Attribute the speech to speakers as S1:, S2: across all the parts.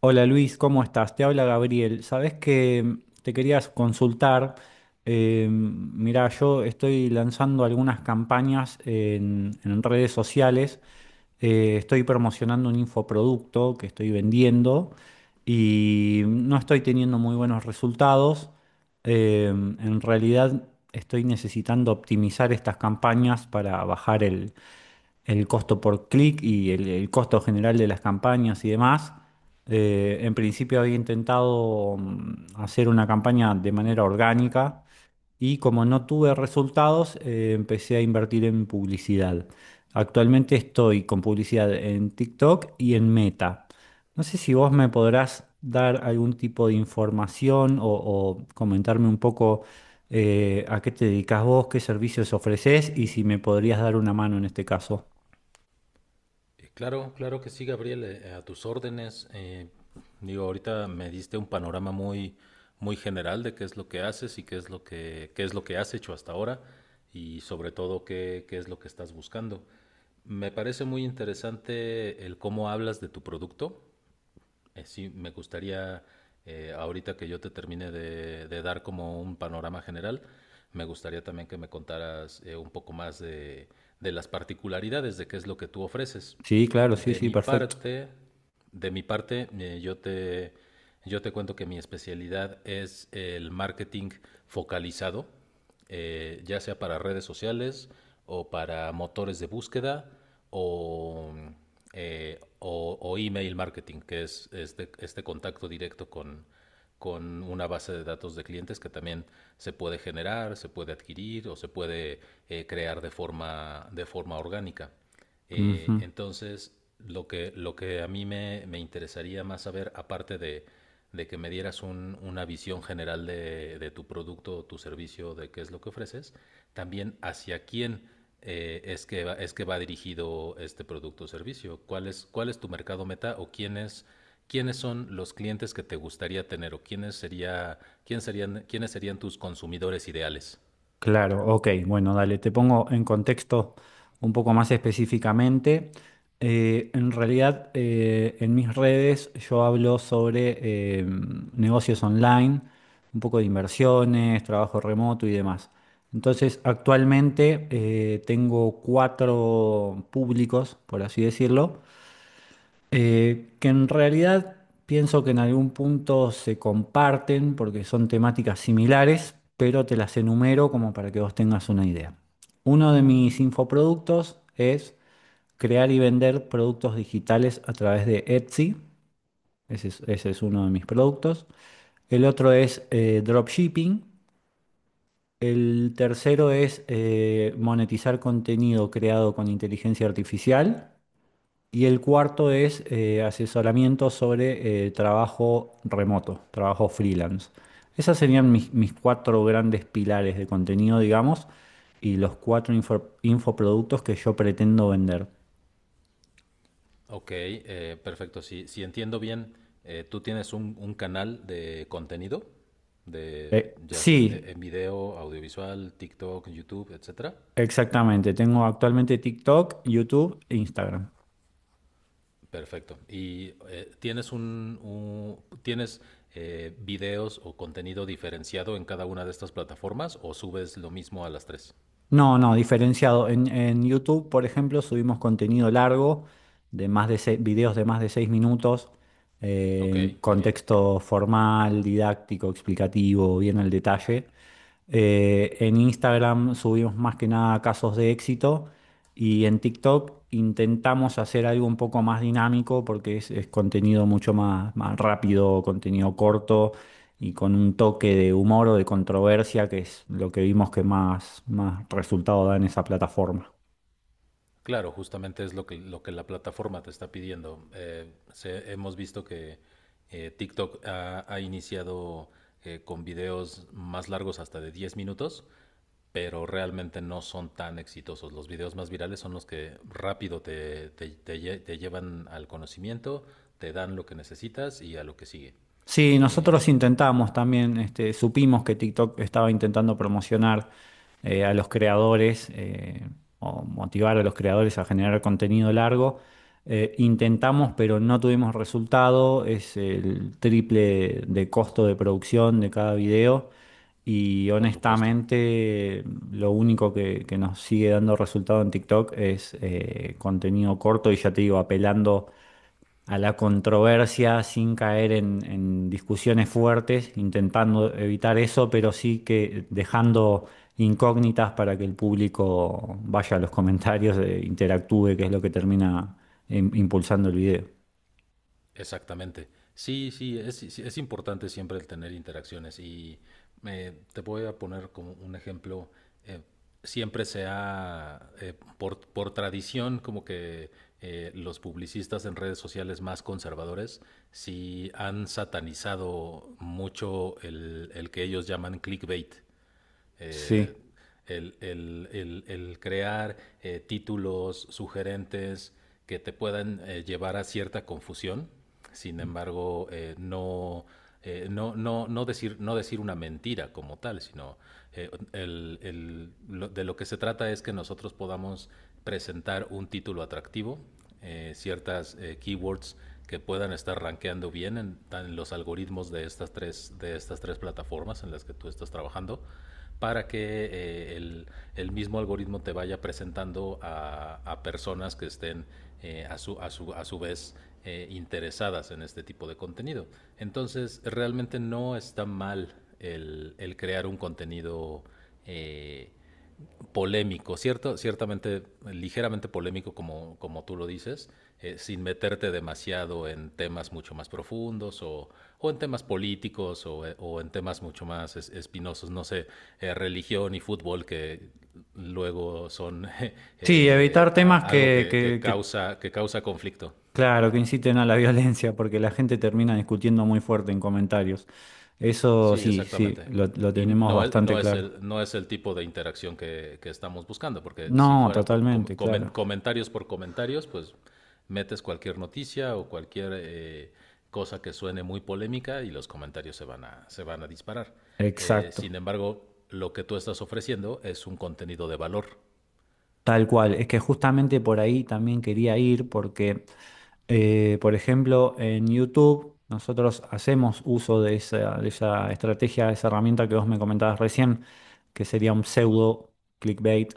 S1: Hola Luis, ¿cómo estás? Te habla Gabriel. Sabes que te querías consultar. Mira, yo estoy lanzando algunas campañas en redes sociales. Estoy promocionando un infoproducto que estoy vendiendo y no estoy teniendo muy buenos resultados. En realidad estoy necesitando optimizar estas campañas para bajar el costo por clic y el costo general de las campañas y demás. En principio había intentado hacer una campaña de manera orgánica y como no tuve resultados, empecé a invertir en publicidad. Actualmente estoy con publicidad en TikTok y en Meta. No sé si vos me podrás dar algún tipo de información o comentarme un poco a qué te dedicas vos, qué servicios ofreces y si me podrías dar una mano en este caso.
S2: Claro que sí, Gabriel. Eh, a tus órdenes. Ahorita me diste un panorama muy general de qué es lo que haces y qué es lo qué es lo que has hecho hasta ahora y sobre todo qué es lo que estás buscando. Me parece muy interesante el cómo hablas de tu producto. Sí, me gustaría, ahorita que yo te termine de dar como un panorama general. Me gustaría también que me contaras un poco más de las particularidades de qué es lo que tú ofreces.
S1: Sí, claro, sí,
S2: De
S1: sí,
S2: mi
S1: perfecto.
S2: parte, de mi parte, yo te cuento que mi especialidad es el marketing focalizado, ya sea para redes sociales o para motores de búsqueda o, o email marketing, que es este contacto directo con una base de datos de clientes que también se puede generar, se puede adquirir o se puede crear de de forma orgánica. Eh,
S1: Ujú.
S2: entonces, lo que, lo que a me interesaría más saber, aparte de que me dieras una visión general de tu producto o tu servicio, de qué es lo que ofreces, también hacia quién es que va dirigido este producto o servicio. Cuál es tu mercado meta o quiénes son los clientes que te gustaría tener o quiénes serían tus consumidores ideales?
S1: Claro, ok, bueno, dale, te pongo en contexto un poco más específicamente. En realidad, en mis redes yo hablo sobre negocios online, un poco de inversiones, trabajo remoto y demás. Entonces, actualmente tengo cuatro públicos, por así decirlo. Que en realidad pienso que en algún punto se comparten porque son temáticas similares, pero te las enumero como para que vos tengas una idea. Uno de mis infoproductos es crear y vender productos digitales a través de Etsy. Ese es uno de mis productos. El otro es dropshipping. El tercero es monetizar contenido creado con inteligencia artificial. Y el cuarto es asesoramiento sobre trabajo remoto, trabajo freelance. Esas serían mis cuatro grandes pilares de contenido, digamos, y los cuatro infoproductos que yo pretendo vender.
S2: Ok, perfecto. Si entiendo bien, tú tienes un canal de contenido, de,
S1: Eh,
S2: ya sea
S1: sí,
S2: en video, audiovisual, TikTok, YouTube, etcétera.
S1: exactamente. Tengo actualmente TikTok, YouTube e Instagram.
S2: Perfecto. ¿Y tienes tienes videos o contenido diferenciado en cada una de estas plataformas o subes lo mismo a las tres?
S1: No, no, diferenciado. En YouTube, por ejemplo, subimos contenido largo de más de videos de más de seis minutos,
S2: Ok, muy bien.
S1: contexto formal, didáctico, explicativo, bien al detalle. En Instagram subimos más que nada casos de éxito y en TikTok intentamos hacer algo un poco más dinámico porque es contenido más rápido, contenido corto y con un toque de humor o de controversia, que es lo que vimos que más resultado da en esa plataforma.
S2: Claro, justamente es lo lo que la plataforma te está pidiendo. Hemos visto que TikTok ha iniciado con videos más largos hasta de 10 minutos, pero realmente no son tan exitosos. Los videos más virales son los que rápido te llevan al conocimiento, te dan lo que necesitas y a lo que sigue.
S1: Sí,
S2: Eh,
S1: nosotros
S2: en-
S1: intentamos también, este, supimos que TikTok estaba intentando promocionar a los creadores o motivar a los creadores a generar contenido largo. Intentamos, pero no tuvimos resultado. Es el triple de costo de producción de cada video. Y
S2: por supuesto.
S1: honestamente, lo único que nos sigue dando resultado en TikTok es contenido corto y ya te digo, apelando a la controversia sin caer en discusiones fuertes, intentando evitar eso, pero sí que dejando incógnitas para que el público vaya a los comentarios, interactúe, que es lo que termina impulsando el video.
S2: Exactamente. Sí, es importante siempre el tener interacciones y te voy a poner como un ejemplo. eh, Siempre se ha por tradición, como que los publicistas en redes sociales más conservadores sí han satanizado mucho el que ellos llaman clickbait. Eh,
S1: Sí.
S2: crear títulos sugerentes que te puedan llevar a cierta confusión. Sin embargo, no decir una mentira como tal, sino de lo que se trata es que nosotros podamos presentar un título atractivo, ciertas keywords que puedan estar rankeando bien en los algoritmos de estas tres plataformas en las que tú estás trabajando, para que mismo algoritmo te vaya presentando a personas que estén a, su, a, su, a, su, vez interesadas en este tipo de contenido. Entonces, realmente no está mal el crear un contenido eh, ciertamente ligeramente polémico, como, como tú lo dices, sin meterte demasiado en temas mucho más profundos, o en temas políticos, en temas mucho más espinosos, no sé, religión y fútbol, que luego son
S1: Sí, evitar temas
S2: a- algo
S1: que, que- que,
S2: que causa conflicto.
S1: claro, que inciten a la violencia, porque la gente termina discutiendo muy fuerte en comentarios. Eso
S2: Sí,
S1: sí, sí,
S2: exactamente.
S1: lo
S2: Y
S1: tenemos
S2: no es, no
S1: bastante
S2: es,
S1: claro.
S2: el, no es el tipo de interacción que estamos buscando, porque si
S1: No,
S2: fuera
S1: totalmente, claro.
S2: comentarios por comentarios, pues metes cualquier noticia o cualquier cosa que suene muy polémica y los comentarios se van se van a disparar. Sin
S1: Exacto.
S2: embargo, lo que tú estás ofreciendo es un contenido de valor,
S1: Tal cual, es que justamente por ahí también quería ir porque, por ejemplo, en YouTube nosotros hacemos uso de esa estrategia, de esa herramienta que vos me comentabas recién, que sería un pseudo clickbait,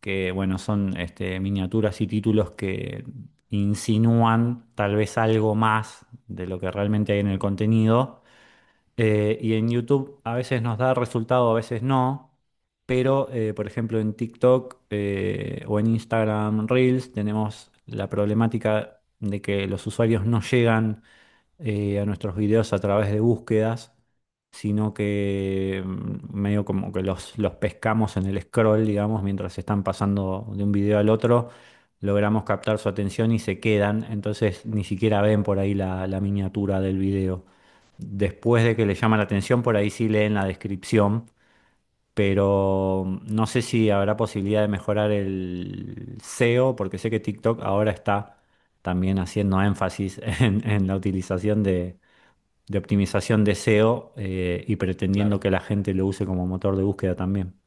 S1: que bueno, son este, miniaturas y títulos que insinúan tal vez algo más de lo que realmente hay en el contenido y en YouTube a veces nos da resultado, a veces no, pero por ejemplo en TikTok o en Instagram Reels tenemos la problemática de que los usuarios no llegan a nuestros videos a través de búsquedas, sino que medio como que los pescamos en el scroll, digamos, mientras están pasando de un video al otro, logramos captar su atención y se quedan, entonces ni siquiera ven por ahí la miniatura del video. Después de que les llama la atención, por ahí sí leen la descripción. Pero no sé si habrá posibilidad de mejorar el SEO, porque sé que TikTok ahora está también haciendo énfasis en la utilización de optimización de SEO y pretendiendo
S2: claro.
S1: que la gente lo use como motor de búsqueda también.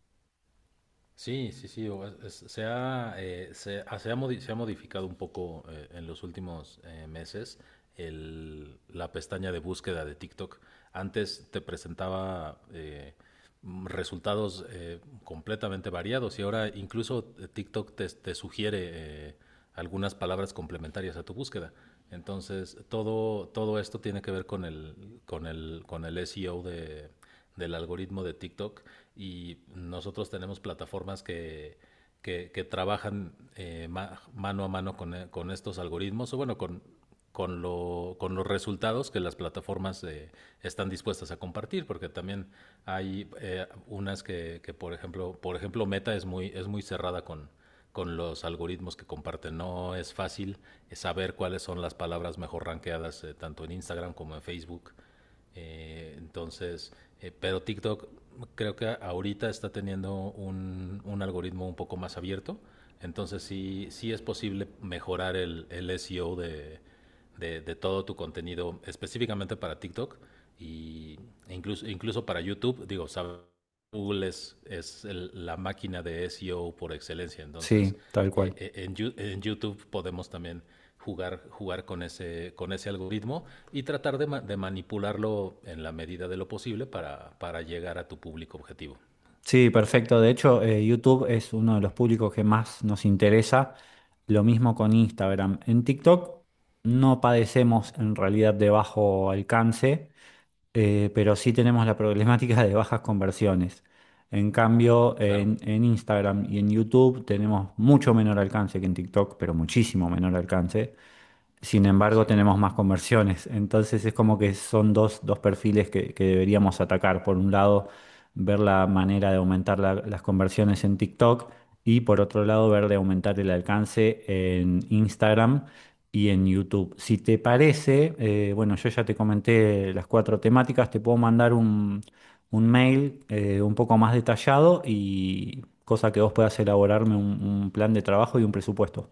S2: Sí, sí, sí. o- es- Se ha, se, ha, se ha modi- Se ha modificado un poco en los últimos meses la pestaña de búsqueda de TikTok. Antes te presentaba resultados completamente variados y ahora incluso TikTok te sugiere eh, algunas palabras complementarias a tu búsqueda. Entonces, todo esto tiene que ver con el SEO del algoritmo de TikTok, y nosotros tenemos plataformas que trabajan mano a mano con estos algoritmos, o bueno, con los resultados que las plataformas están dispuestas a compartir, porque también hay unas por ejemplo, Meta es es muy cerrada con los algoritmos que comparten. No es fácil saber cuáles son las palabras mejor rankeadas, tanto en Instagram como en Facebook. eh, entonces, pero TikTok, creo que ahorita está teniendo un algoritmo un poco más abierto. Entonces sí, sí es posible mejorar el SEO de todo tu contenido, específicamente para TikTok y, incluso para YouTube. Digo, sabemos Google es la máquina de SEO por excelencia. Entonces
S1: Sí, tal cual.
S2: en YouTube podemos también jugar con ese algoritmo y tratar de manipularlo en la medida de lo posible para llegar a tu público objetivo.
S1: Sí, perfecto. De hecho, YouTube es uno de los públicos que más nos interesa. Lo mismo con Instagram. En TikTok no padecemos en realidad de bajo alcance, pero sí tenemos la problemática de bajas conversiones. En cambio,
S2: Claro,
S1: en Instagram y en YouTube tenemos mucho menor alcance que en TikTok, pero muchísimo menor alcance. Sin embargo,
S2: sí.
S1: tenemos más conversiones. Entonces es como que son dos, dos perfiles que deberíamos atacar. Por un lado, ver la manera de aumentar las conversiones en TikTok y por otro lado, ver de aumentar el alcance en Instagram y en YouTube. Si te parece, bueno, yo ya te comenté las cuatro temáticas, te puedo mandar un mail un poco más detallado y cosa que vos puedas elaborarme un plan de trabajo y un presupuesto.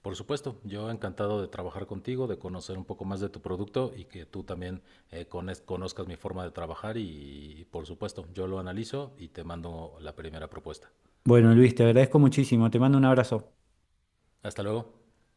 S2: Por supuesto, yo encantado de trabajar contigo, de conocer un poco más de tu producto y que tú también conozcas mi forma de trabajar y, por supuesto, yo lo analizo y te mando la primera propuesta.
S1: Bueno, Luis, te agradezco muchísimo. Te mando un abrazo.
S2: Hasta luego.